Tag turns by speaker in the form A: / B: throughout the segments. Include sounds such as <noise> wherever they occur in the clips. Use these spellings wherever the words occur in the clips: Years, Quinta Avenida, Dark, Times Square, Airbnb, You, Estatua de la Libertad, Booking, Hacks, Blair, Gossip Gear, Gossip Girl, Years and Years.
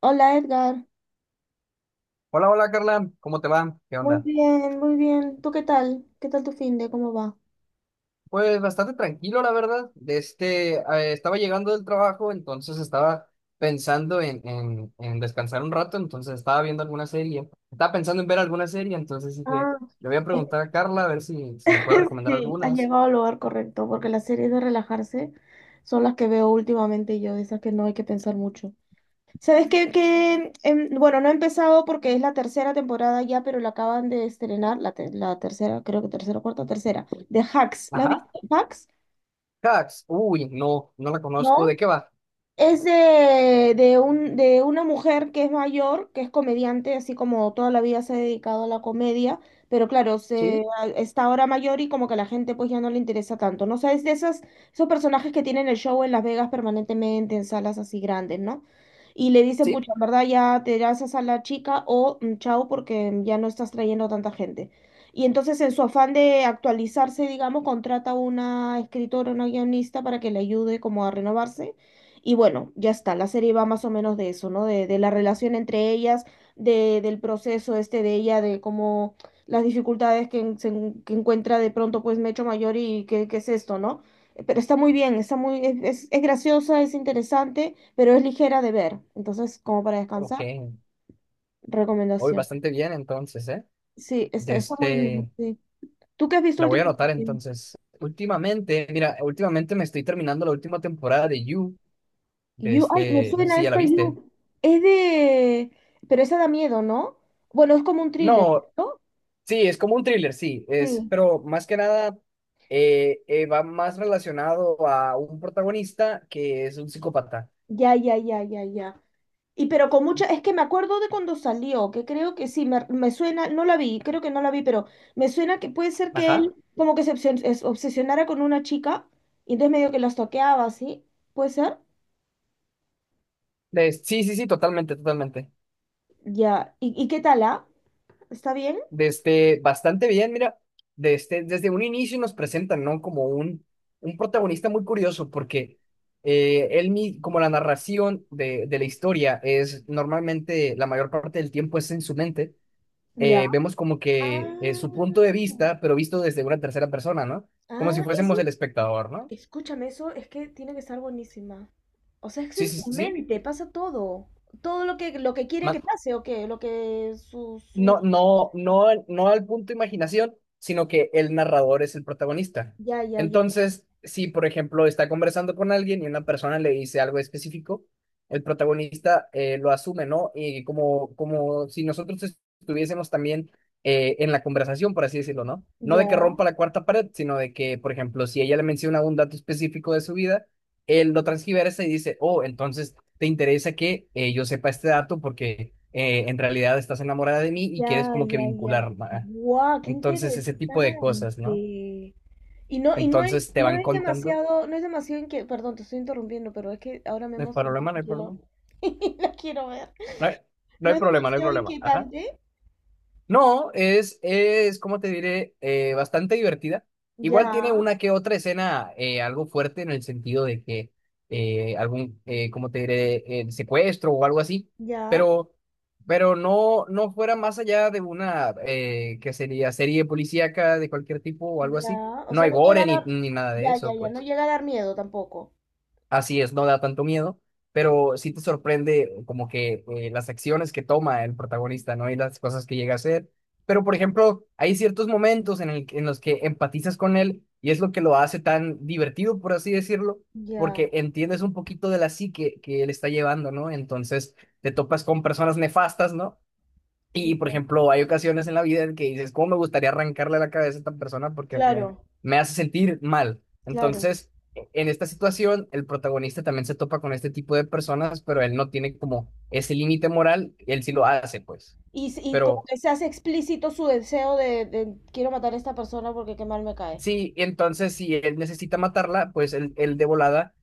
A: Hola, Edgar.
B: Hola, hola Carla, ¿cómo te va? ¿Qué
A: Muy
B: onda?
A: bien, muy bien. ¿Tú qué tal? ¿Qué tal tu finde? ¿Cómo va?
B: Pues bastante tranquilo, la verdad. Estaba llegando del trabajo, entonces estaba pensando en descansar un rato, entonces estaba viendo alguna serie. Estaba pensando en ver alguna serie, entonces dije,
A: Ah.
B: le voy a preguntar a Carla a ver si me puede
A: <laughs>
B: recomendar
A: Sí, has
B: algunas.
A: llegado al lugar correcto, porque las series de relajarse son las que veo últimamente yo, de esas que no hay que pensar mucho. ¿Sabes qué? Que, bueno, no he empezado porque es la tercera temporada ya, pero la acaban de estrenar, la tercera, creo que tercera, cuarta, tercera, de Hacks. ¿La has
B: Ajá,
A: visto? ¿Hacks?
B: Hacks. Uy, no, no la conozco.
A: ¿No?
B: ¿De qué va?
A: Es de una mujer que es mayor, que es comediante, así como toda la vida se ha dedicado a la comedia, pero claro,
B: ¿Sí?
A: está ahora mayor y como que a la gente pues ya no le interesa tanto, ¿no? O sea, es de esos personajes que tienen el show en Las Vegas permanentemente en salas así grandes, ¿no? Y le dicen,
B: ¿Sí?
A: pucha, en verdad ya te das a sala chica o chao porque ya no estás trayendo tanta gente. Y entonces en su afán de actualizarse, digamos, contrata a una escritora, una guionista para que le ayude como a renovarse y bueno, ya está, la serie va más o menos de eso, ¿no? De la relación entre ellas, del proceso este de ella, de cómo las dificultades que, en- se en- que encuentra de pronto pues Mecho Mayor y qué es esto, ¿no? Pero está muy bien, está muy, es graciosa, es interesante, pero es ligera de ver. Entonces, como para
B: Ok.
A: descansar,
B: Hoy
A: recomendación.
B: bastante bien, entonces, ¿eh?
A: Sí, está,
B: De
A: está muy bien,
B: este.
A: sí. ¿Tú qué has visto
B: La voy a anotar
A: últimamente?
B: entonces. Últimamente, mira, últimamente me estoy terminando la última temporada de You,
A: You, ay, me
B: no sé
A: suena
B: si ya la
A: esta
B: viste.
A: You. Es de... Pero esa da miedo, ¿no? Bueno, es como un thriller,
B: No,
A: ¿no?
B: sí, es como un thriller, sí, es,
A: Sí.
B: pero más que nada, va más relacionado a un protagonista que es un psicópata.
A: Ya, ya, ya, ya, ya. Y pero con mucha, es que me acuerdo de cuando salió, que creo que sí, me suena, no la vi, creo que no la vi, pero me suena que puede ser que él
B: Ajá.
A: como que se obsesionara con una chica y entonces medio que las toqueaba, ¿sí? ¿Puede ser?
B: Sí, sí, sí, totalmente, totalmente.
A: Ya. ¿Y qué tal, ah? ¿Está bien?
B: Desde bastante bien, mira, desde un inicio nos presentan, ¿no? Como un protagonista muy curioso, porque como la narración de la historia es normalmente la mayor parte del tiempo es en su mente,
A: Ya.
B: vemos como
A: Ah,
B: que su punto de vista, pero visto desde una tercera persona, ¿no? Como si
A: ah, ese,
B: fuésemos el espectador, ¿no?
A: escúchame, eso es que tiene que estar buenísima. O sea, es que
B: Sí,
A: en su
B: sí, sí.
A: mente pasa todo. Todo lo que, quiere que pase, o qué, lo que su,
B: No, al punto imaginación, sino que el narrador es el protagonista.
A: ya, ya, ya. Ya.
B: Entonces, si por ejemplo está conversando con alguien y una persona le dice algo específico, el protagonista lo asume, ¿no? Y como, como si nosotros estuviésemos también en la conversación, por así decirlo, ¿no? No
A: Ya,
B: de que rompa la cuarta pared, sino de que, por ejemplo, si ella le menciona un dato específico de su vida, él lo transgiversa y dice, oh, entonces te interesa que yo sepa este dato porque en realidad estás enamorada de mí y quieres
A: ya,
B: como que
A: ya, ya.
B: vincular.
A: ¡Guau! ¡Qué
B: Entonces, ese tipo de cosas, ¿no?
A: interesante! Y no es,
B: Entonces te
A: no
B: van
A: es
B: contando.
A: demasiado, no es demasiado inque- Perdón, te estoy interrumpiendo, pero es que ahora me he
B: No hay
A: emocionado
B: problema, no
A: y
B: hay
A: quiero-
B: problema.
A: <laughs> la quiero ver.
B: No hay, no
A: No
B: hay
A: es
B: problema, no hay
A: demasiado
B: problema. Ajá.
A: inquietante.
B: No, es, como te diré, bastante divertida.
A: Ya,
B: Igual tiene una que otra escena algo fuerte en el sentido de que como te diré, el secuestro o algo así,
A: ya,
B: pero, pero no, no fuera más allá de una que sería serie policíaca de cualquier tipo o algo así.
A: ya. O
B: No
A: sea,
B: hay
A: no llega
B: gore
A: a
B: ni,
A: dar,
B: ni nada de
A: ya, ya,
B: eso,
A: ya, no
B: pues.
A: llega a dar miedo tampoco.
B: Así es, no da tanto miedo, pero sí te sorprende como que las acciones que toma el protagonista, ¿no? Y las cosas que llega a hacer. Pero, por ejemplo, hay ciertos momentos en los que empatizas con él y es lo que lo hace tan divertido, por así decirlo,
A: Ya,
B: porque entiendes un poquito de la psique que él está llevando, ¿no? Entonces te topas con personas nefastas, ¿no? Y, por
A: ya.
B: ejemplo, hay ocasiones en la vida en que dices, ¿cómo me gustaría arrancarle la cabeza a esta persona porque
A: Claro,
B: me hace sentir mal?
A: claro.
B: Entonces, en esta situación, el protagonista también se topa con este tipo de personas, pero él no tiene como ese límite moral, él sí lo hace, pues.
A: Y como
B: Pero
A: que se hace explícito su deseo de quiero matar a esta persona porque qué mal me cae.
B: sí, entonces si él necesita matarla, pues él de volada,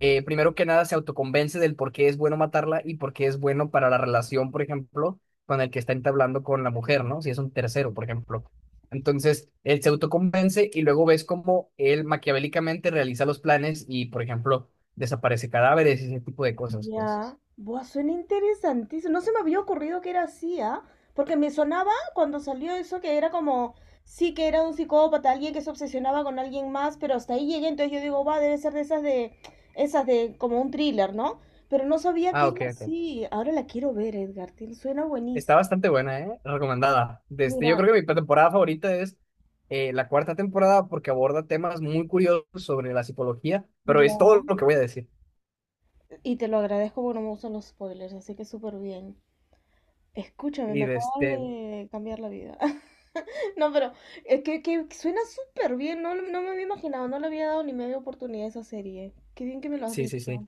B: primero que nada, se autoconvence del por qué es bueno matarla y por qué es bueno para la relación, por ejemplo, con el que está entablando con la mujer, ¿no? Si es un tercero, por ejemplo. Entonces, él se autoconvence y luego ves cómo él maquiavélicamente realiza los planes y, por ejemplo, desaparece cadáveres y ese tipo de cosas, pues.
A: Ya, buah, suena interesantísimo. No se me había ocurrido que era así, ¿ah? Porque me sonaba cuando salió eso que era como, sí que era un psicópata, alguien que se obsesionaba con alguien más, pero hasta ahí llegué, entonces yo digo, va, debe ser de, esas de como un thriller, ¿no? Pero no sabía
B: Ah,
A: que era
B: ok, ok.
A: así. Ahora la quiero ver, Edgar, suena
B: Está
A: buenísimo.
B: bastante buena, ¿eh? Recomendada. Desde, yo
A: Mira,
B: creo que mi temporada favorita es la cuarta temporada porque aborda temas muy curiosos sobre la psicología, pero es
A: ya.
B: todo lo que voy a decir.
A: Y te lo agradezco porque no me gustan los spoilers, así que súper bien. Escúchame,
B: Y
A: me
B: de
A: acabas
B: este,
A: de cambiar la vida. <laughs> No, pero que suena súper bien. No, no me había imaginado, no le había dado ni media oportunidad a esa serie. Qué bien que me lo has
B: sí, sí, sí.
A: dicho.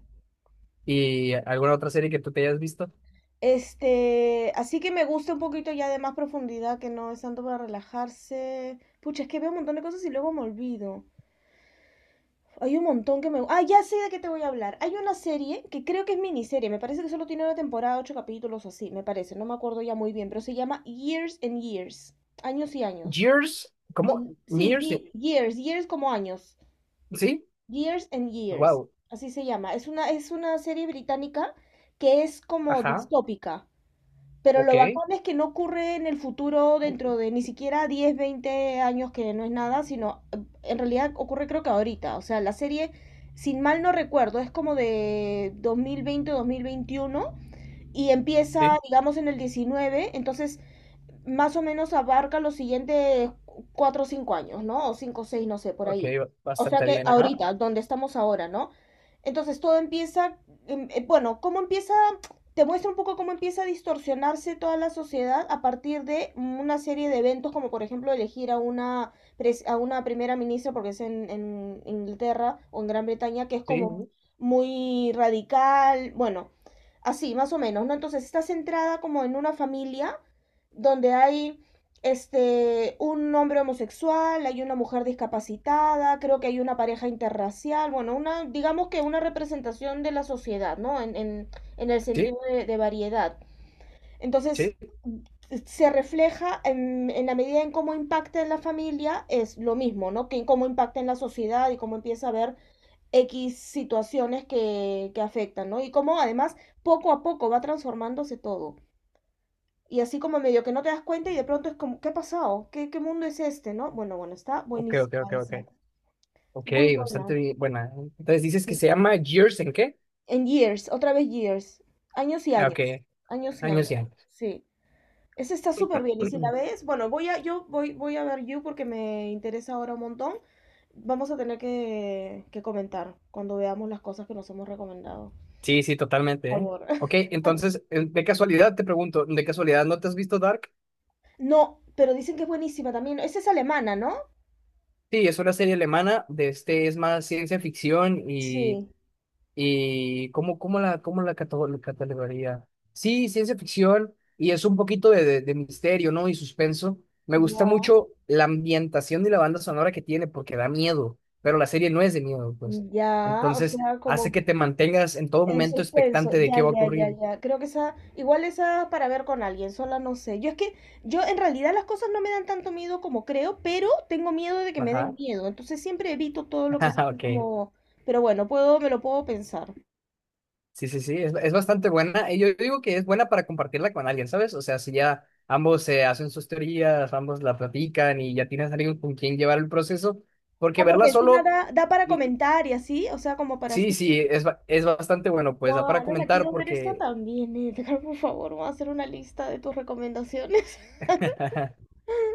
B: ¿Y alguna otra serie que tú te hayas visto?
A: Así que me gusta un poquito ya de más profundidad, que no es tanto para relajarse. Pucha, es que veo un montón de cosas y luego me olvido. Hay un montón que me... Ah, ya sé de qué te voy a hablar. Hay una serie que creo que es miniserie, me parece que solo tiene una temporada, ocho capítulos o así, me parece, no me acuerdo ya muy bien, pero se llama Years and Years, años y años.
B: Years, ¿cómo?
A: Sí,
B: Years,
A: years, years como años.
B: sí.
A: Years and Years,
B: Wow.
A: así se llama. Es una serie británica que es como
B: Ajá.
A: distópica, pero lo
B: Ok.
A: bacán es que no ocurre en el futuro dentro de ni siquiera 10-20 años, que no es nada, sino en realidad ocurre creo que ahorita. O sea, la serie, sin mal no recuerdo, es como de dos mil veinte 2021 y empieza,
B: Sí.
A: digamos, en el 19, entonces más o menos abarca los siguientes 4 o 5 años, ¿no? O 5 o 6, no sé, por
B: Ok,
A: ahí. O sea
B: bastante
A: que
B: bien. Ajá.
A: ahorita, donde estamos ahora, ¿no? Entonces todo empieza, bueno, cómo empieza, te muestra un poco cómo empieza a distorsionarse toda la sociedad a partir de una serie de eventos, como por ejemplo elegir a una, a una primera ministra, porque es en Inglaterra o en Gran Bretaña, que es
B: Sí.
A: como muy radical, bueno, así, más o menos, ¿no? Entonces está centrada como en una familia donde hay un hombre homosexual, hay una mujer discapacitada, creo que hay una pareja interracial, bueno, una, digamos que una representación de la sociedad, ¿no? En el sentido
B: Sí.
A: de variedad. Entonces,
B: Sí.
A: se refleja en la medida en cómo impacta en la familia, es lo mismo, ¿no? Que en cómo impacta en la sociedad y cómo empieza a haber X situaciones que afectan, ¿no? Y cómo además poco a poco va transformándose todo. Y así como medio que no te das cuenta y de pronto es como, ¿qué ha pasado? ¿Qué mundo es este, no? Bueno, bueno, está
B: Ok, ok, ok,
A: buenísima
B: ok.
A: esa.
B: Ok,
A: Muy buena.
B: bastante bien. Buena. Entonces dices que
A: Sí.
B: se llama Years, ¿en qué?
A: En Years, otra vez Years. Años y
B: Ah, ok.
A: años. Años y años.
B: Años y años.
A: Sí. Esa está súper bien. Y si la ves, bueno, voy a ver You porque me interesa ahora un montón. Vamos a tener que comentar cuando veamos las cosas que nos hemos recomendado.
B: Sí, sí,
A: Por
B: totalmente, ¿eh?
A: favor.
B: Ok,
A: <laughs>
B: entonces, de casualidad te pregunto, ¿de casualidad no te has visto Dark?
A: No, pero dicen que es buenísima también. Esa es alemana, ¿no?
B: Sí, es una serie alemana, de este es más ciencia ficción
A: Sí.
B: y ¿cómo, cómo la la catalogaría? Sí, ciencia ficción y es un poquito de misterio, ¿no? Y suspenso. Me gusta
A: Ya.
B: mucho la ambientación y la banda sonora que tiene porque da miedo, pero la serie no es de miedo, pues.
A: Ya, o
B: Entonces,
A: sea,
B: hace
A: como
B: que te mantengas en todo
A: en
B: momento
A: suspenso,
B: expectante de
A: ya,
B: qué va a
A: ya, ya,
B: ocurrir.
A: ya. Creo que esa, igual esa para ver con alguien, sola no sé. Yo es que, yo en realidad las cosas no me dan tanto miedo como creo, pero tengo miedo de que me den
B: Ajá.
A: miedo. Entonces siempre evito todo lo que
B: <laughs>
A: es así
B: Ok.
A: como, pero bueno, puedo, me lo puedo pensar.
B: Sí, sí, sí, es bastante buena. Y yo digo que es buena para compartirla con alguien, ¿sabes? O sea, si ya ambos se hacen sus teorías, ambos la platican y ya tienes alguien con quien llevar el proceso, porque
A: Ah, porque
B: verla
A: encima
B: solo,
A: da para
B: y,
A: comentar y así, o sea, como para
B: sí,
A: así,
B: sí, es, es bastante bueno, pues
A: wow,
B: da para
A: ahora la
B: comentar
A: quiero ver esta
B: porque
A: también, Edgar, por favor, voy a hacer una lista de tus recomendaciones. <laughs>
B: <laughs>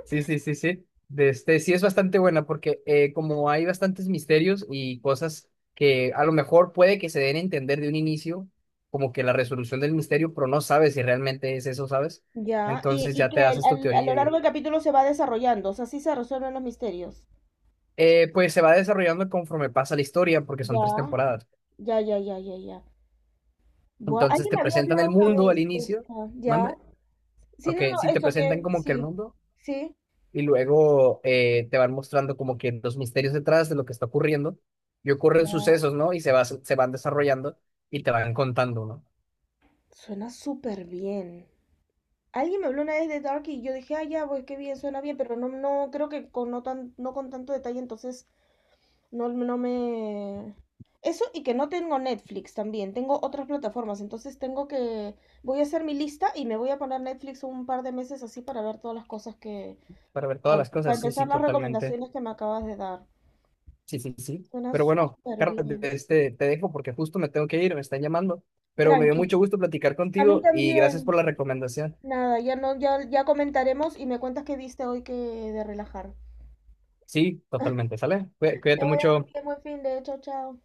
B: Sí, sí, sí, sí. De este, sí es bastante buena porque como hay bastantes misterios y cosas que a lo mejor puede que se den a entender de un inicio, como que la resolución del misterio, pero no sabes si realmente es eso, ¿sabes?
A: Ya, y,
B: Entonces
A: y
B: ya
A: que
B: te haces tu
A: a lo
B: teoría y
A: largo del capítulo se va desarrollando, o sea, así se resuelven los misterios.
B: pues se va desarrollando conforme pasa la historia porque son tres
A: Ya,
B: temporadas.
A: ya, ya, ya, ya, ya. Buah,
B: Entonces
A: alguien
B: te
A: me había
B: presentan el
A: hablado una
B: mundo al
A: vez de
B: inicio,
A: esta, ¿ya?
B: mande,
A: Sí,
B: ok,
A: no, no,
B: sí te
A: eso
B: presentan
A: que,
B: como que el
A: sí,
B: mundo.
A: sí,
B: Y luego te van mostrando como que los misterios detrás de lo que está ocurriendo y ocurren
A: ya.
B: sucesos, ¿no? Y se van desarrollando y te van contando, ¿no?
A: Suena súper bien. Alguien me habló una vez de Dark y yo dije, ah, ya, pues qué bien, suena bien, pero no, no, creo que con no con tanto detalle, entonces no, no me... Eso y que no tengo Netflix también, tengo otras plataformas, entonces tengo que... Voy a hacer mi lista y me voy a poner Netflix un par de meses así para ver todas las cosas que...
B: Para ver todas
A: Bueno,
B: las
A: para
B: cosas, sí,
A: empezar
B: sí,
A: las
B: totalmente,
A: recomendaciones que me acabas de dar.
B: sí, sí, sí.
A: Suena
B: Pero bueno,
A: súper
B: Carlos,
A: bien.
B: te dejo porque justo me tengo que ir, me están llamando, pero me dio
A: Tranqui.
B: mucho gusto platicar
A: A mí
B: contigo y gracias por
A: también.
B: la recomendación.
A: Nada, ya no, ya, ya comentaremos y me cuentas qué viste hoy que de relajar.
B: Sí, totalmente, ¿sale?
A: Que
B: Cuídate
A: vaya muy
B: mucho.
A: bien, buen fin de, chao, chao.